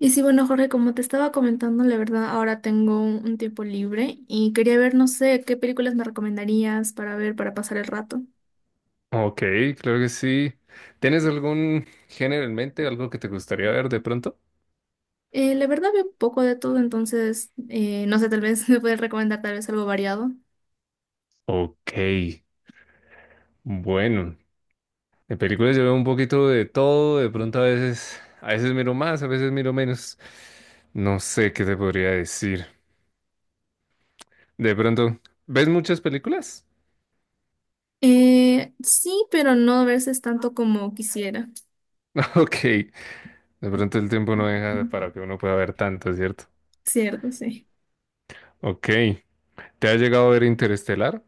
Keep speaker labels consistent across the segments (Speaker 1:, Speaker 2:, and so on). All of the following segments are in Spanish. Speaker 1: Y sí, bueno, Jorge, como te estaba comentando, la verdad, ahora tengo un tiempo libre y quería ver, no sé, qué películas me recomendarías para ver, para pasar el rato.
Speaker 2: Ok, claro que sí. ¿Tienes algún género en mente, algo que te gustaría ver de pronto?
Speaker 1: La verdad, veo un poco de todo, entonces, no sé, tal vez me puedes recomendar tal vez algo variado.
Speaker 2: Ok, bueno, en películas yo veo un poquito de todo, de pronto a veces miro más, a veces miro menos. No sé qué te podría decir. De pronto, ¿ves muchas películas?
Speaker 1: Sí, pero no a veces tanto como quisiera,
Speaker 2: Ok, de pronto el tiempo no deja para que uno pueda ver tanto, ¿cierto?
Speaker 1: ¿cierto? Sí.
Speaker 2: Ok, ¿te ha llegado a ver Interestelar?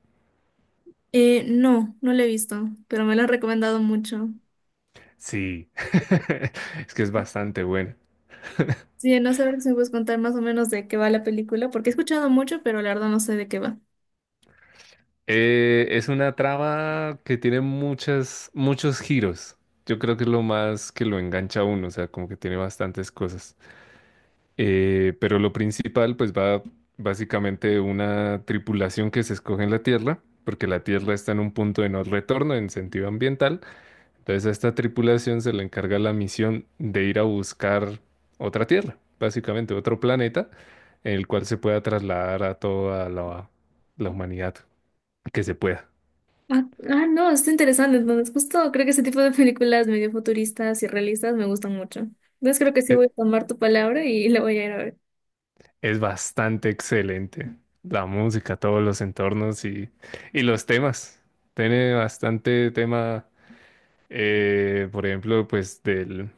Speaker 1: No, no la he visto, pero me lo han recomendado mucho.
Speaker 2: Sí, es que es bastante buena.
Speaker 1: Sí, no sé, a ver si me puedes contar más o menos de qué va la película, porque he escuchado mucho, pero la verdad no sé de qué va.
Speaker 2: Es una trama que tiene muchos giros. Yo creo que es lo más que lo engancha a uno, o sea, como que tiene bastantes cosas. Pero lo principal, pues va básicamente de una tripulación que se escoge en la Tierra, porque la Tierra está en un punto de no retorno en sentido ambiental. Entonces a esta tripulación se le encarga la misión de ir a buscar otra Tierra, básicamente otro planeta, en el cual se pueda trasladar a toda la humanidad que se pueda.
Speaker 1: Ah, ah, no, está interesante. Entonces, justo creo que ese tipo de películas medio futuristas y realistas me gustan mucho. Entonces, creo que sí voy
Speaker 2: E-
Speaker 1: a tomar tu palabra y la voy a ir a ver.
Speaker 2: Es bastante excelente. La música, todos los entornos y los temas. Tiene bastante tema, por ejemplo,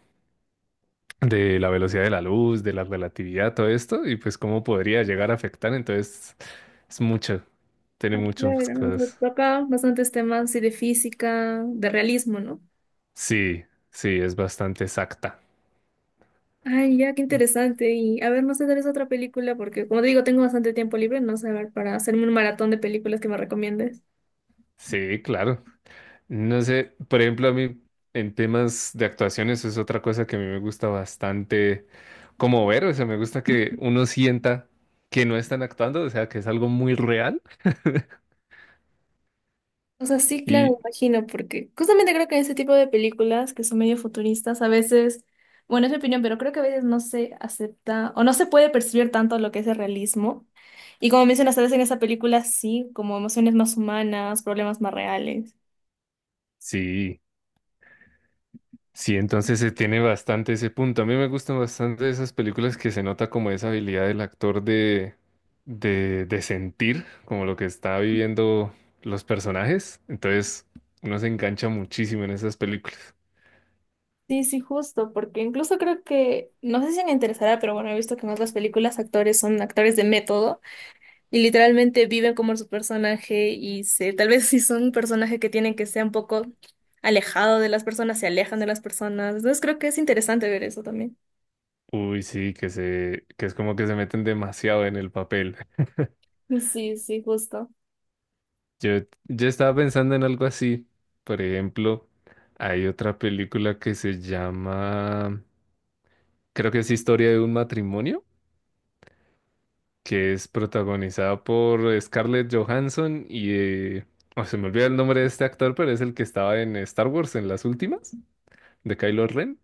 Speaker 2: de la velocidad de la luz, de la relatividad, todo esto, y pues cómo podría llegar a afectar. Entonces, es mucho. Tiene muchas
Speaker 1: Claro, nos
Speaker 2: cosas.
Speaker 1: toca bastantes temas sí, de física, de realismo, ¿no?
Speaker 2: Sí, sí, es bastante exacta.
Speaker 1: Ay, ya, qué interesante. Y a ver, no sé, tal vez otra película, porque como te digo, tengo bastante tiempo libre, no sé, a ver, para hacerme un maratón de películas que me recomiendes.
Speaker 2: Sí, claro. No sé, por ejemplo, a mí en temas de actuaciones es otra cosa que a mí me gusta bastante como ver, o sea, me gusta que uno sienta que no están actuando, o sea, que es algo muy real
Speaker 1: O sea, sí, claro, me
Speaker 2: y
Speaker 1: imagino, porque justamente creo que en ese tipo de películas que son medio futuristas, a veces, bueno, es mi opinión, pero creo que a veces no se acepta o no se puede percibir tanto lo que es el realismo. Y como mencionas, a veces en esa película sí, como emociones más humanas, problemas más reales.
Speaker 2: sí, sí, entonces se tiene bastante ese punto. A mí me gustan bastante esas películas que se nota como esa habilidad del actor de sentir como lo que está viviendo los personajes, entonces uno se engancha muchísimo en esas películas.
Speaker 1: Sí, sí, justo, porque incluso creo que, no sé si me interesará, pero bueno, he visto que en otras películas actores son actores de método. Y literalmente viven como su personaje y se, tal vez, si son un personaje que tienen que ser un poco alejado de las personas, se alejan de las personas. Entonces creo que es interesante ver eso también.
Speaker 2: Uy, sí, que es como que se meten demasiado en el papel.
Speaker 1: Sí, sí, justo.
Speaker 2: Yo, yo estaba pensando en algo así. Por ejemplo, hay otra película que se llama, creo que es Historia de un matrimonio, que es protagonizada por Scarlett Johansson y, oh, se me olvida el nombre de este actor, pero es el que estaba en Star Wars en las últimas, de Kylo Ren.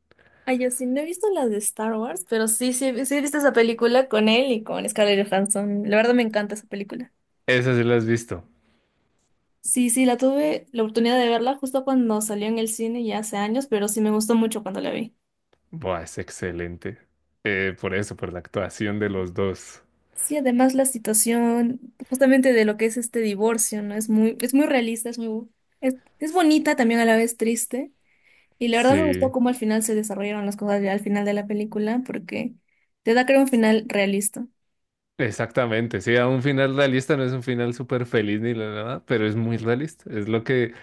Speaker 1: Ay, yo sí, no he visto las de Star Wars, pero sí, sí, sí he visto esa película con él y con Scarlett Johansson. La verdad me encanta esa película.
Speaker 2: Esa sí la has visto.
Speaker 1: Sí, sí, la tuve la oportunidad de verla justo cuando salió en el cine ya hace años, pero sí me gustó mucho cuando la vi.
Speaker 2: Buah, es excelente. Por eso, por la actuación de los dos.
Speaker 1: Sí, además la situación justamente de lo que es este divorcio, ¿no? Es muy realista, es bonita también a la vez triste. Y la verdad me gustó
Speaker 2: Sí.
Speaker 1: cómo al final se desarrollaron las cosas ya al final de la película, porque te da, creo, un final realista.
Speaker 2: Exactamente, sí, a un final realista no es un final súper feliz ni la nada, pero es muy realista, es lo que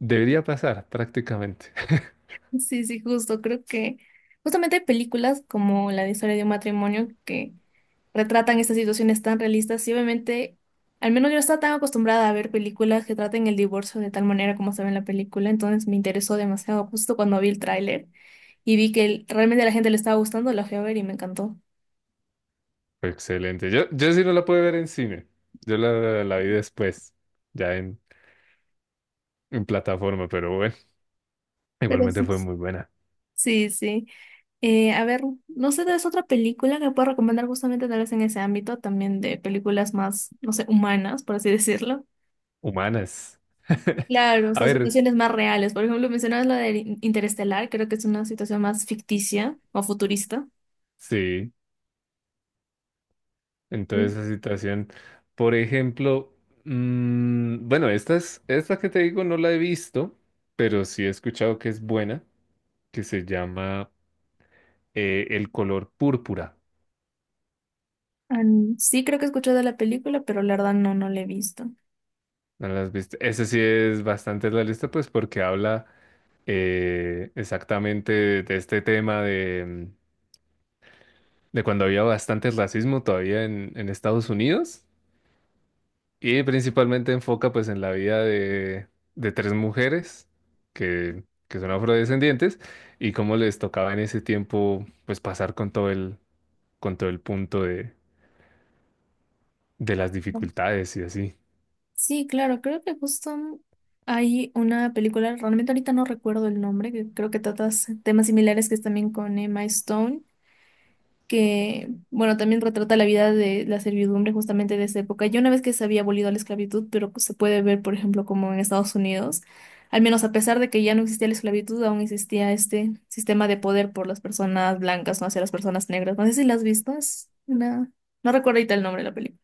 Speaker 2: debería pasar prácticamente.
Speaker 1: Sí, sí, justo. Creo que justamente hay películas como la de Historia de un Matrimonio que retratan estas situaciones tan realistas y obviamente, al menos yo no estaba tan acostumbrada a ver películas que traten el divorcio de tal manera como se ve en la película, entonces me interesó demasiado justo cuando vi el tráiler y vi que realmente a la gente le estaba gustando, la fui a ver y me encantó.
Speaker 2: Excelente, yo sí no la pude ver en cine, yo la vi después, ya en plataforma, pero bueno,
Speaker 1: Pero
Speaker 2: igualmente
Speaker 1: sí,
Speaker 2: fue muy buena.
Speaker 1: sí, sí. A ver, no sé, ¿es otra película que puedo recomendar justamente tal vez en ese ámbito también de películas más, no sé, humanas, por así decirlo?
Speaker 2: Humanas.
Speaker 1: Claro,
Speaker 2: A
Speaker 1: son
Speaker 2: ver,
Speaker 1: situaciones más reales. Por ejemplo, mencionabas la de Interestelar, creo que es una situación más ficticia o futurista.
Speaker 2: sí, entonces
Speaker 1: Sí.
Speaker 2: esa situación, por ejemplo, mm, bueno, esta es, esta que te digo no la he visto, pero sí he escuchado que es buena, que se llama... el color púrpura.
Speaker 1: An- sí, creo que he escuchado de la película, pero la verdad no, no la he visto.
Speaker 2: ¿No lo has visto? Ese sí es bastante realista, pues porque habla exactamente de este tema de, mm, de cuando había bastante racismo todavía en Estados Unidos y principalmente enfoca pues en la vida de tres mujeres que son afrodescendientes y cómo les tocaba en ese tiempo pues pasar con todo con todo el punto de las
Speaker 1: Ujú.
Speaker 2: dificultades y así.
Speaker 1: Sí, claro, creo que justo hay una película, realmente ahorita no recuerdo el nombre, que creo que trata temas similares, que es también con Emma Stone. Que, bueno, también retrata la vida de la servidumbre justamente de esa época. Ya una vez que se había abolido la esclavitud, pero pues, se puede ver, por ejemplo, como en Estados Unidos, al menos a pesar de que ya no existía la esclavitud, aún existía este sistema de poder por las personas blancas, no hacia las personas negras. No sé si la has visto, es una... No recuerdo ahorita el nombre de la película.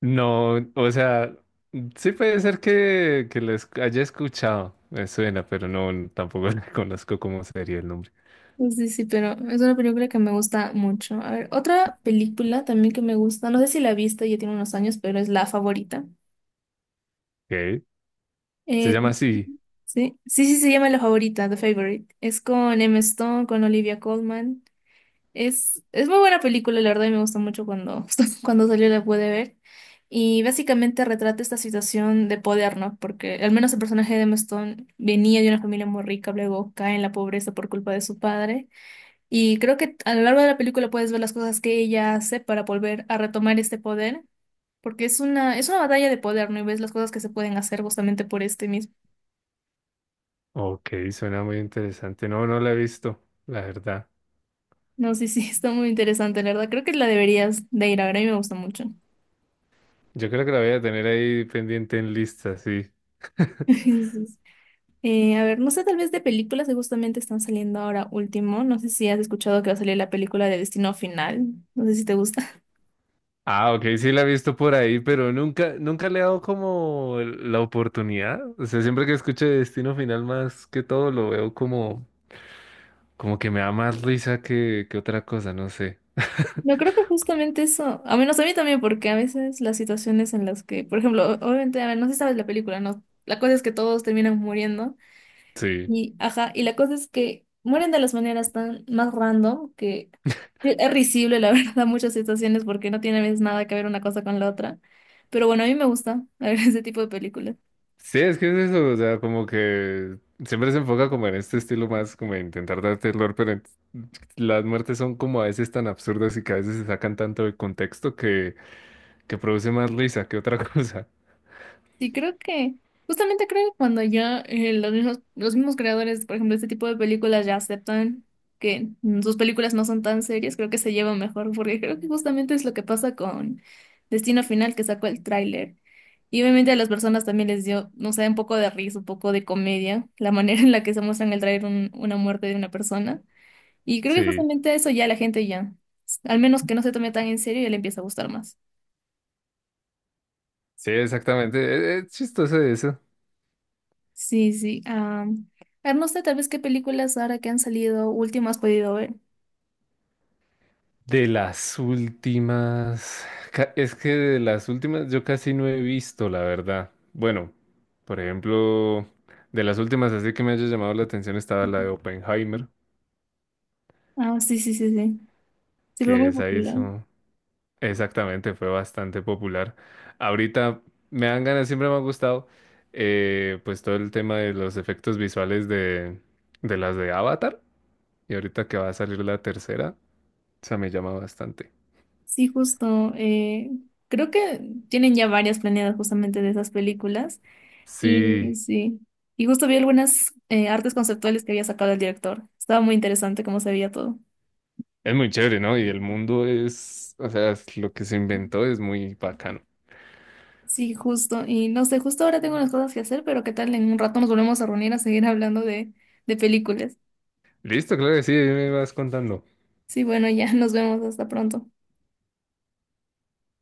Speaker 2: No, o sea, sí puede ser que lo haya escuchado, me suena, pero no, tampoco le conozco cómo sería el nombre.
Speaker 1: Sí, sí, pero es una película que me gusta mucho. A ver, otra película también que me gusta, no sé si la viste, ya tiene unos años, pero es La Favorita.
Speaker 2: Ok, se
Speaker 1: Eh,
Speaker 2: llama así.
Speaker 1: Sí, sí, sí, se llama La Favorita, The Favorite. Es con Emma Stone, con Olivia Colman. Es muy buena película, la verdad, y me gustó mucho cuando, cuando salió la pude ver. Y básicamente retrata esta situación de poder, ¿no? Porque al menos el personaje de Emma Stone venía de una familia muy rica, luego cae en la pobreza por culpa de su padre. Y creo que a lo largo de la película puedes ver las cosas que ella hace para volver a retomar este poder. Porque es una batalla de poder, ¿no? Y ves las cosas que se pueden hacer justamente por este mismo.
Speaker 2: Ok, suena muy interesante. No, no la he visto, la verdad.
Speaker 1: No, sí, sí, está muy interesante, la verdad. Creo que la deberías de ir a ver, a mí me gusta mucho.
Speaker 2: Yo creo que la voy a tener ahí pendiente en lista, sí.
Speaker 1: Entonces, a ver, no sé, tal vez de películas que justamente están saliendo ahora último. No sé si has escuchado que va a salir la película de Destino Final. No sé si te gusta.
Speaker 2: Ah, ok, sí la he visto por ahí, pero nunca, nunca le he dado como la oportunidad. O sea, siempre que escucho Destino Final más que todo, lo veo como, como que me da más risa que otra cosa, no sé.
Speaker 1: Yo creo que justamente eso, a menos a mí también, porque a veces las situaciones en las que, por ejemplo, obviamente, a ver, no sé si sabes la película, ¿no? La cosa es que todos terminan muriendo.
Speaker 2: Sí.
Speaker 1: Y, ajá, y la cosa es que mueren de las maneras tan más random que es risible, la verdad, muchas situaciones porque no tiene a veces nada que ver una cosa con la otra. Pero bueno, a mí me gusta ver ese tipo de películas.
Speaker 2: Sí, es que es eso, o sea, como que siempre se enfoca como en este estilo más, como de intentar dar terror, pero las muertes son como a veces tan absurdas y que a veces se sacan tanto de contexto que produce más risa que otra cosa.
Speaker 1: Sí, creo que, justamente creo que cuando ya los mismos creadores, por ejemplo, de este tipo de películas ya aceptan que sus películas no son tan serias, creo que se llevan mejor, porque creo que justamente es lo que pasa con Destino Final, que sacó el tráiler. Y obviamente a las personas también les dio, no sé, un poco de risa, un poco de comedia, la manera en la que se muestra en el tráiler una muerte de una persona. Y creo que
Speaker 2: Sí,
Speaker 1: justamente eso ya la gente ya, al menos que no se tome tan en serio, ya le empieza a gustar más.
Speaker 2: sí, exactamente. Es chistoso eso.
Speaker 1: Sí, sí. Am, a ver, no sé, tal vez qué películas ahora que han salido últimas has podido ver.
Speaker 2: De las últimas, es que de las últimas yo casi no he visto, la verdad. Bueno, por ejemplo, de las últimas así que me haya llamado la atención estaba la de Oppenheimer,
Speaker 1: Ah, sí, sí, sí, sí. Sí, fue
Speaker 2: que
Speaker 1: muy
Speaker 2: esa
Speaker 1: popular.
Speaker 2: hizo. Exactamente, fue bastante popular. Ahorita me dan ganas, siempre me ha gustado, pues todo el tema de los efectos visuales de las de Avatar. Y ahorita que va a salir la tercera, o sea, me llama bastante.
Speaker 1: Sí, justo. Creo que tienen ya varias planeadas justamente de esas películas. Y
Speaker 2: Sí,
Speaker 1: sí. Y justo vi algunas artes conceptuales que había sacado el director. Estaba muy interesante cómo se veía todo.
Speaker 2: es muy chévere, ¿no? Y el mundo es, o sea, es lo que se inventó es muy bacano.
Speaker 1: Sí, justo. Y no sé, justo ahora tengo unas cosas que hacer, pero qué tal en un rato nos volvemos a reunir a seguir hablando de películas.
Speaker 2: Listo, claro que sí, ahí me vas contando.
Speaker 1: Sí, bueno, ya nos vemos. Hasta pronto.